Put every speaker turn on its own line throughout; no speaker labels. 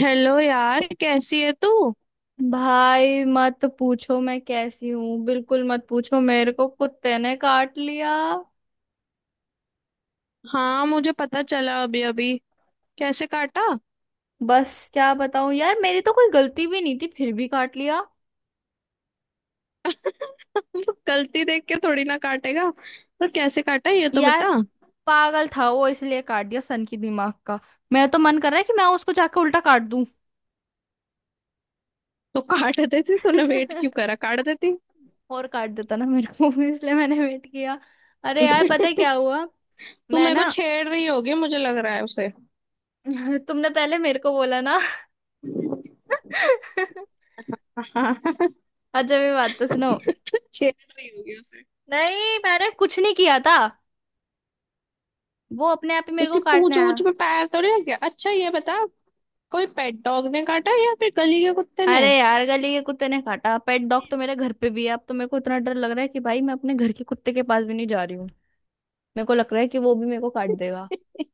Hello यार, कैसी है तू।
भाई मत पूछो मैं कैसी हूँ। बिल्कुल मत पूछो। मेरे को कुत्ते ने काट लिया।
हाँ, मुझे पता चला अभी अभी। कैसे काटा?
बस क्या बताऊं यार, मेरी तो कोई गलती भी नहीं थी, फिर भी काट लिया।
वो गलती देख के थोड़ी ना काटेगा। पर कैसे काटा ये तो
यार
बता।
पागल था वो, इसलिए काट दिया। सन की दिमाग का। मेरा तो मन कर रहा है कि मैं उसको जाके उल्टा काट दूं।
तो काट देती, तूने वेट क्यों करा, काट देती।
और काट देता ना मेरे को इसलिए मैंने वेट किया। अरे यार पता है क्या हुआ।
तू
मैं
मेरे को
ना
छेड़ रही होगी, मुझे लग रहा है उसे।
तुमने पहले मेरे को बोला ना
हाँ।
अच्छा, मेरी बात तो सुनो।
तू छेड़ रही होगी उसे।
नहीं, मैंने कुछ नहीं किया था। वो अपने आप ही मेरे को
उसकी
काटने
पूंछ
आया।
वूछ में पैर तो नहीं रख गया, अच्छा ये बता। कोई पेट डॉग ने काटा या फिर गली के कुत्ते ने?
अरे यार गली के कुत्ते ने काटा, पेट डॉग तो मेरे घर पे भी है। अब तो मेरे को इतना डर लग रहा है कि भाई मैं अपने घर के कुत्ते के पास भी नहीं जा रही हूँ। मेरे को लग रहा है कि वो भी मेरे को काट देगा।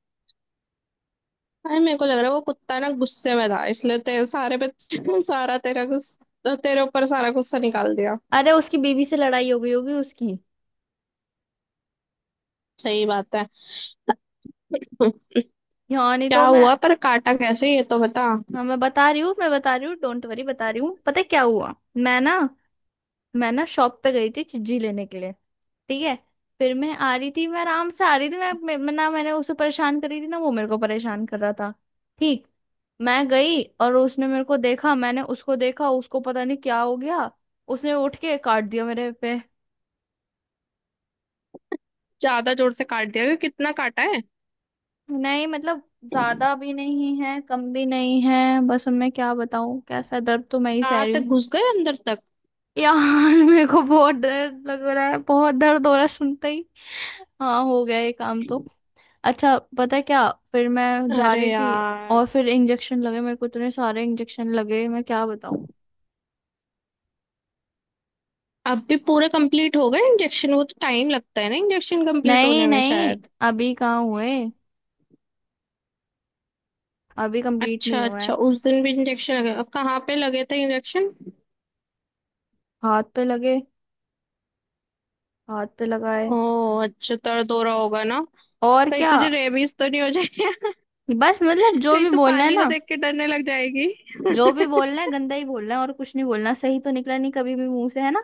अरे मेरे को लग रहा है वो कुत्ता ना गुस्से में था, इसलिए तेरे सारे पे सारा तेरा गुस्सा, तेरे ऊपर सारा गुस्सा निकाल दिया।
अरे उसकी बीवी से लड़ाई हो गई होगी उसकी।
सही बात है।
हाँ, नहीं
क्या
तो मैं।
हुआ, पर काटा कैसे ये तो बता।
हाँ मैं बता रही हूँ, मैं बता रही हूँ, डोंट वरी, बता रही हूँ। पता है क्या हुआ। मैं ना, मैं ना शॉप पे गई थी चिज्जी लेने के लिए। ठीक है। फिर मैं आ रही थी, मैं आराम से आ रही थी। ना मैंने उसे परेशान करी थी, ना वो मेरे को परेशान कर रहा था। ठीक। मैं गई और उसने मेरे को देखा, मैंने उसको देखा। उसको पता नहीं क्या हो गया, उसने उठ के काट दिया मेरे पे।
ज्यादा जोर से काट दिया क्यों? कितना काटा है?
नहीं मतलब, ज्यादा भी नहीं है, कम भी नहीं है। बस अब मैं क्या बताऊं, कैसा दर्द तो मैं ही सह
दांत
रही हूँ।
तक घुस गए अंदर तक?
यार मेरे को बहुत डर लग रहा है, बहुत दर्द हो रहा है सुनते ही। हाँ हो गया ये काम तो। अच्छा पता है क्या। फिर मैं जा
अरे
रही थी,
यार।
और फिर इंजेक्शन लगे, मेरे को इतने सारे इंजेक्शन लगे, मैं क्या बताऊं।
अब भी पूरे कंप्लीट हो गए इंजेक्शन? वो तो टाइम लगता है ना इंजेक्शन कंप्लीट
नहीं
होने में
नहीं,
शायद।
अभी कहाँ हुए, अभी कंप्लीट नहीं
अच्छा
हुआ
अच्छा,
है।
उस दिन भी इंजेक्शन लगे? अब कहाँ पे लगे थे इंजेक्शन?
हाथ पे लगे, हाथ पे लगाए।
ओ, अच्छा दर्द हो रहा होगा ना।
और
कहीं
क्या।
तुझे रेबीज तो नहीं हो जाए।
बस मतलब जो
गई
भी
तो
बोलना है
पानी को
ना,
देख के डरने लग जाएगी।
जो भी बोलना है गंदा ही बोलना है और कुछ नहीं बोलना। सही तो निकला नहीं कभी भी मुंह से, है ना।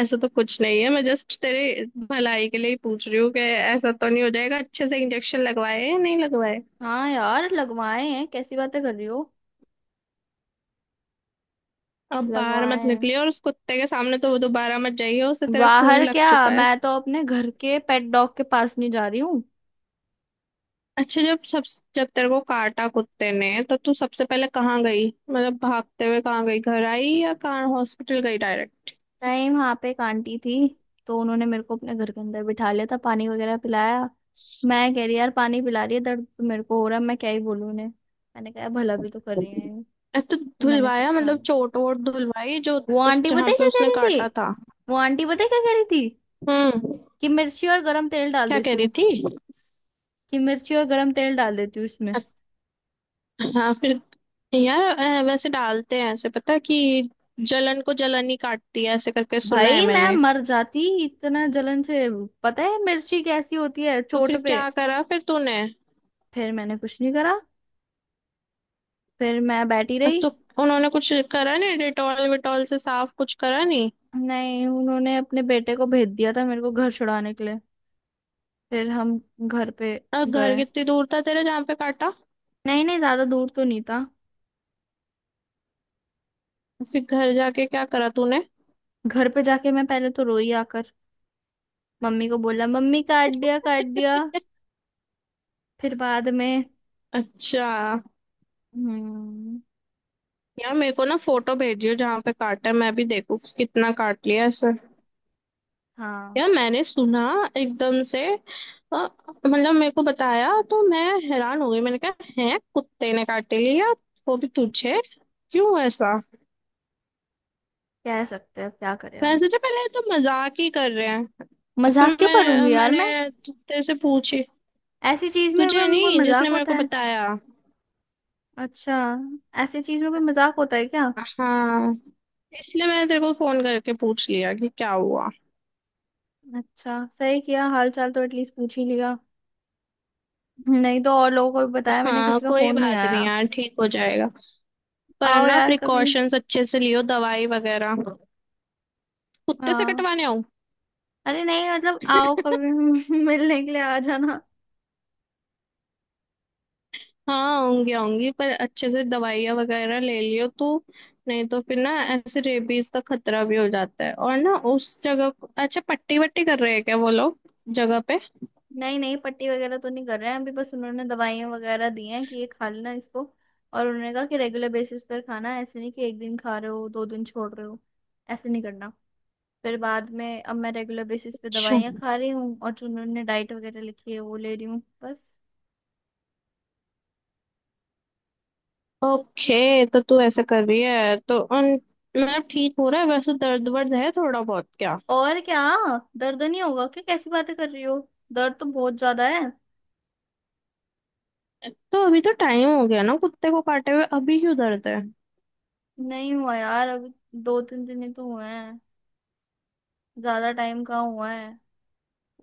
ऐसा तो कुछ नहीं है, मैं जस्ट तेरे भलाई के लिए ही पूछ रही हूँ कि ऐसा तो नहीं हो जाएगा। अच्छे से इंजेक्शन लगवाए या नहीं लगवाए?
हाँ यार लगवाए हैं, कैसी बातें कर रही हो।
अब बाहर
लगवाए
मत
हैं।
निकली, और उस कुत्ते के सामने तो वो दोबारा मत जाइए, उसे तेरा खून
बाहर
लग
क्या,
चुका है।
मैं तो अपने घर के पेट डॉग के पास नहीं जा रही हूँ।
अच्छा, जब सब, जब तेरे को काटा कुत्ते ने तो तू सबसे पहले कहाँ गई, मतलब भागते हुए कहाँ गई, घर आई या कहाँ, हॉस्पिटल गई डायरेक्ट?
टाइम वहां पे एक आंटी थी, तो उन्होंने मेरे को अपने घर के अंदर बिठा लिया था, पानी वगैरह पिलाया। मैं कह रही यार पानी पिला रही है, दर्द तो मेरे को हो रहा है, मैं क्या ही बोलूं उन्हें। मैंने कहा भला भी तो कर रही है ये।
अरे तो
तो मैंने
धुलवाया,
कुछ कहा
मतलब
नहीं।
चोट वोट धुलवाई जो,
वो
उस
आंटी पता
जहाँ
है
पे
क्या कह
उसने
रही थी।
काटा था।
वो आंटी पता है क्या कह रही थी।
हम्म।
कि मिर्ची और गरम तेल डाल
क्या कह
देती
रही
हूँ।
थी?
कि मिर्ची और गरम तेल डाल देती हूँ इसमें।
हाँ फिर। यार, वैसे डालते हैं ऐसे, पता है कि जलन को जलन ही काटती है, ऐसे करके सुना है
भाई मैं
मैंने।
मर जाती इतना जलन से। पता है मिर्ची कैसी होती है
तो
चोट
फिर
पे।
क्या करा फिर तूने?
फिर मैंने कुछ नहीं करा, फिर मैं बैठी रही।
तो उन्होंने कुछ करा नहीं? डेटॉल विटॉल से साफ कुछ करा नहीं?
नहीं, उन्होंने अपने बेटे को भेज दिया था मेरे को घर छुड़ाने के लिए। फिर हम घर पे
और घर
गए।
कितनी दूर था तेरे जहाँ पे काटा?
नहीं नहीं, ज्यादा दूर तो नहीं था।
फिर घर जाके क्या करा तूने?
घर पे जाके मैं पहले तो रोई आकर, मम्मी को बोला मम्मी काट दिया, काट दिया। फिर बाद में।
अच्छा
हम्म।
यार, मेरे को ना फोटो भेजियो जहाँ पे काटा है, मैं भी देखूँ कि कितना काट लिया ऐसे।
हाँ
यार मैंने सुना एकदम से, अ, मतलब मेरे को बताया तो मैं हैरान हो गई। मैंने कहा है कुत्ते ने काट लिया, वो भी तुझे, क्यों ऐसा?
कह सकते हैं, अब क्या करें
मैंने
हम।
सोचा पहले ये तो मजाक ही कर रहे हैं।
मजाक
फिर
क्यों
मैं
करूंगी यार मैं।
मैंने कुत्ते से पूछी,
ऐसी चीज में
तुझे
कोई कोई
नहीं, जिसने
मजाक
मेरे
होता
को
है।
बताया।
अच्छा, ऐसी चीज में कोई मजाक होता है क्या।
हाँ, इसलिए मैंने तेरे को फोन करके पूछ लिया कि क्या हुआ।
अच्छा सही किया, हाल चाल तो एटलीस्ट पूछ ही लिया। नहीं तो और लोगों को भी बताया मैंने,
हाँ
किसी का
कोई
फोन नहीं
बात
आया।
नहीं यार, ठीक हो जाएगा। पर
आओ
ना
यार कभी।
प्रिकॉशंस अच्छे से लियो, दवाई वगैरह। कुत्ते से
हाँ।
कटवाने आओ।
अरे नहीं मतलब आओ कभी मिलने के लिए आ जाना।
हाँ होंगी होंगी, पर अच्छे से दवाइयाँ वगैरह ले लियो, तो नहीं तो फिर ना, ऐसे रेबीज का खतरा भी हो जाता है। और ना उस अच्छा पट्टी वट्टी कर रहे हैं क्या वो लोग जगह पे?
नहीं नहीं, पट्टी वगैरह तो नहीं कर रहे हैं अभी, बस उन्होंने दवाइयाँ वगैरह दी हैं कि ये खा लेना इसको। और उन्होंने कहा कि रेगुलर बेसिस पर खाना है, ऐसे नहीं कि एक दिन खा रहे हो दो दिन छोड़ रहे हो, ऐसे नहीं करना। फिर बाद में अब मैं रेगुलर बेसिस पे
अच्छा
दवाइयाँ खा रही हूँ, और जो उन्होंने डाइट वगैरह लिखी है वो ले रही हूँ बस।
ओके, तो तू ऐसा कर रही है तो उन, मतलब ठीक हो रहा है वैसे? दर्द वर्द है थोड़ा बहुत क्या?
और क्या, दर्द नहीं होगा क्या, कैसी बातें कर रही हो। दर्द तो बहुत ज्यादा है।
तो अभी तो टाइम हो गया ना कुत्ते को काटे हुए, अभी क्यों दर्द है?
नहीं हुआ यार अभी, दो तीन दिन ही तो हुए हैं, ज्यादा टाइम कहाँ हुआ है।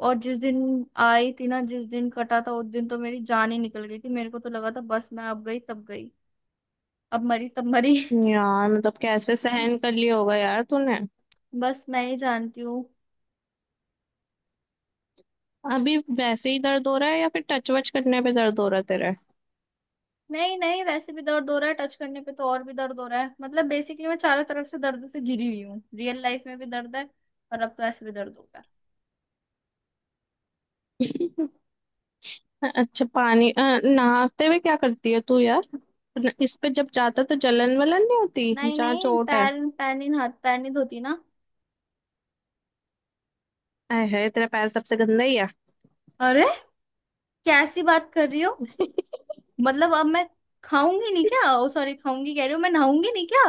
और जिस दिन आई थी ना, जिस दिन कटा था, उस दिन तो मेरी जान ही निकल गई थी। मेरे को तो लगा था बस मैं अब गई तब गई, अब मरी तब मरी।
यार मतलब कैसे सहन कर लिया होगा यार तूने।
बस मैं ही जानती हूँ।
अभी वैसे ही दर्द हो रहा है या फिर टच वच करने पे दर्द हो रहा है?
नहीं नहीं, वैसे भी दर्द हो रहा है, टच करने पे तो और भी दर्द हो रहा है। मतलब बेसिकली मैं चारों तरफ से दर्द से घिरी हुई हूँ, रियल लाइफ में भी दर्द है। और अब तो ऐसे भी दर्द होगा।
तेरे। अच्छा पानी, नहाते हुए क्या करती है तू यार? इस पे जब जाता तो जलन वलन नहीं होती
नहीं
जहाँ
नहीं,
चोट है?
पैर पैर नहीं हाथ, पैर नहीं धोती ना।
आय है, तेरा पैर सबसे गंदा ही है।
अरे, कैसी बात कर रही हो। मतलब अब मैं खाऊंगी नहीं क्या, ओ सॉरी खाऊंगी कह रही हूँ, मैं नहाऊंगी नहीं क्या।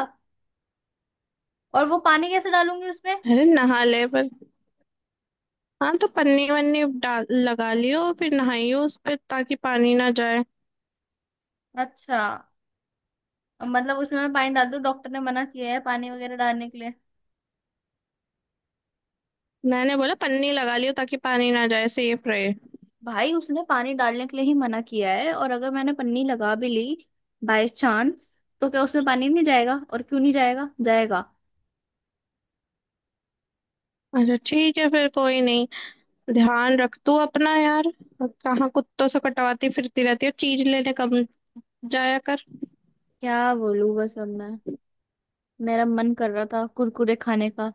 और वो पानी कैसे डालूंगी उसमें।
अरे नहा ले पर, हाँ तो पन्नी वन्नी डाल, लगा लियो, फिर नहाइयो उस पे ताकि पानी ना जाए।
अच्छा, मतलब उसमें मैं पानी डाल दूँ। डॉक्टर ने मना किया है पानी वगैरह डालने के लिए।
मैंने बोला पन्नी लगा लियो ताकि पानी ना जाए, सेफ रहे।
भाई उसने पानी डालने के लिए ही मना किया है, और अगर मैंने पन्नी लगा भी ली बाय चांस, तो क्या उसमें पानी नहीं जाएगा, और क्यों नहीं जाएगा, जाएगा।
अच्छा ठीक है फिर, कोई नहीं। ध्यान रख तू अपना यार। कहाँ कुत्तों से कटवाती फिरती रहती है, चीज लेने कम जाया कर।
क्या बोलूं, बस अब मैं। मेरा मन कर रहा था कुरकुरे खाने का,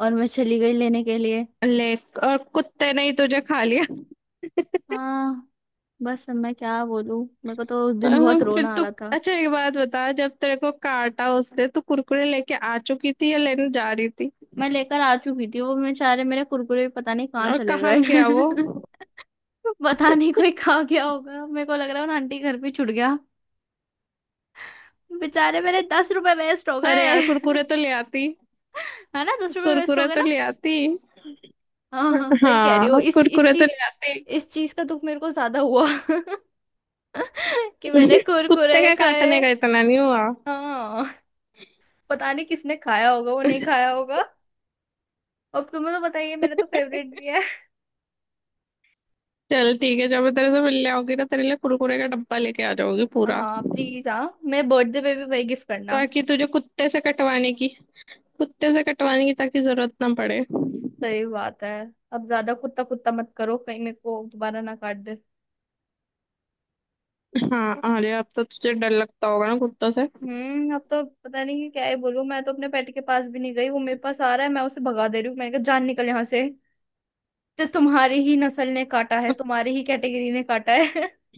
और मैं चली गई लेने के लिए।
ले, और कुत्ते ने ही तुझे खा लिया।
हाँ, बस अब मैं क्या बोलूं। मेरे को तो उस दिन बहुत
फिर
रोना आ
तो
रहा था।
अच्छा, एक बात बता, जब तेरे को काटा उसने तो कुरकुरे लेके आ चुकी थी या लेने जा रही थी?
मैं लेकर आ चुकी थी, वो बेचारे मेरे कुरकुरे भी पता नहीं कहाँ
और
चले
कहाँ
गए।
गया वो?
पता नहीं कोई खा गया होगा, मेरे को लग रहा है ना आंटी घर पे छुट गया। बेचारे मेरे 10 रुपए वेस्ट हो
अरे यार
गए
कुरकुरे तो ले आती।
है ना 10 रुपए वेस्ट हो
कुरकुरे
गए
तो
ना।
ले आती।
हाँ हाँ सही कह रही हो,
हाँ
इस
कुरकुरे तो
चीज,
ले आती।
इस चीज का दुख मेरे को ज्यादा हुआ कि मैंने
कुत्ते
कुरकुरे
का काटने
खाए।
का इतना नहीं हुआ।
हाँ, पता नहीं किसने खाया होगा, वो नहीं खाया होगा। अब तुम्हें तो बताइए, मेरा तो फेवरेट भी है।
चल ठीक है, जब मैं तेरे से मिलने आऊंगी ना तेरे लिए कुरकुरे का डब्बा लेके आ जाऊंगी पूरा।
हाँ प्लीज, हाँ मैं बर्थडे पे भी वही गिफ्ट करना।
ताकि तुझे कुत्ते से कटवाने की, कुत्ते से कटवाने की ताकि जरूरत ना पड़े।
सही बात है। अब ज्यादा कुत्ता कुत्ता मत करो, कहीं मेरे को दोबारा ना काट दे।
हाँ अरे अब तो तुझे डर लगता होगा ना कुत्तों से।
हम्म, अब तो पता नहीं कि क्या ही बोलूं। मैं तो अपने पेट के पास भी नहीं गई, वो मेरे पास आ रहा है, मैं उसे भगा दे रही हूँ, मैंने कहा जान निकल यहाँ से, तो तुम्हारी ही नस्ल ने काटा है, तुम्हारी ही कैटेगरी ने काटा है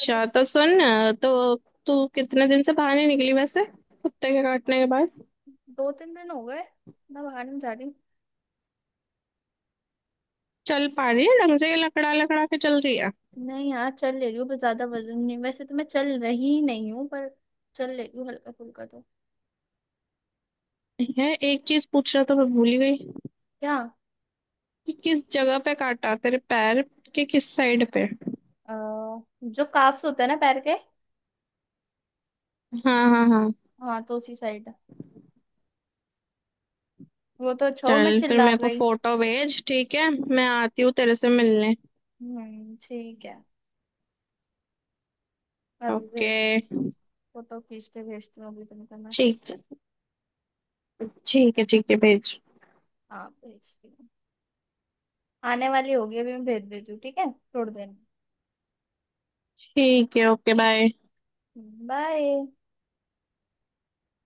अरे,
तो सुन ना, तो तू कितने दिन से बाहर नहीं निकली वैसे, कुत्ते के काटने के बाद?
दो तीन दिन हो गए, मैं बाहर नहीं जा रही।
चल पा रही है ढंग से या लकड़ा लकड़ा के चल रही है?
नहीं यार चल ले रही हूँ, पर ज्यादा वजन नहीं, वैसे तो मैं चल रही नहीं हूँ, पर चल ले रही हूँ हल्का फुल्का तो।
है एक चीज पूछना तो मैं भूल ही गई,
क्या।
कि किस जगह पे काटा, तेरे पैर के किस साइड पे?
अ, जो काफ्स होते हैं ना पैर के।
हाँ हाँ हाँ।
हाँ तो उसी साइड। वो तो अच्छा हो मैं
चल फिर
चिल्ला
मेरे को
गई।
फोटो भेज, ठीक है, मैं आती हूँ तेरे से मिलने।
ठीक है, अभी
ओके।
भेजती हूँ। फोटो खींच के भेजती हूँ अभी तुमको मैं।
ठीक है ठीक है, ठीक है भेज।
हाँ भेजती हूँ, आने वाली होगी अभी मैं भेज देती हूँ ठीक है थोड़ी देर में।
ठीक है, ओके बाय।
बाय।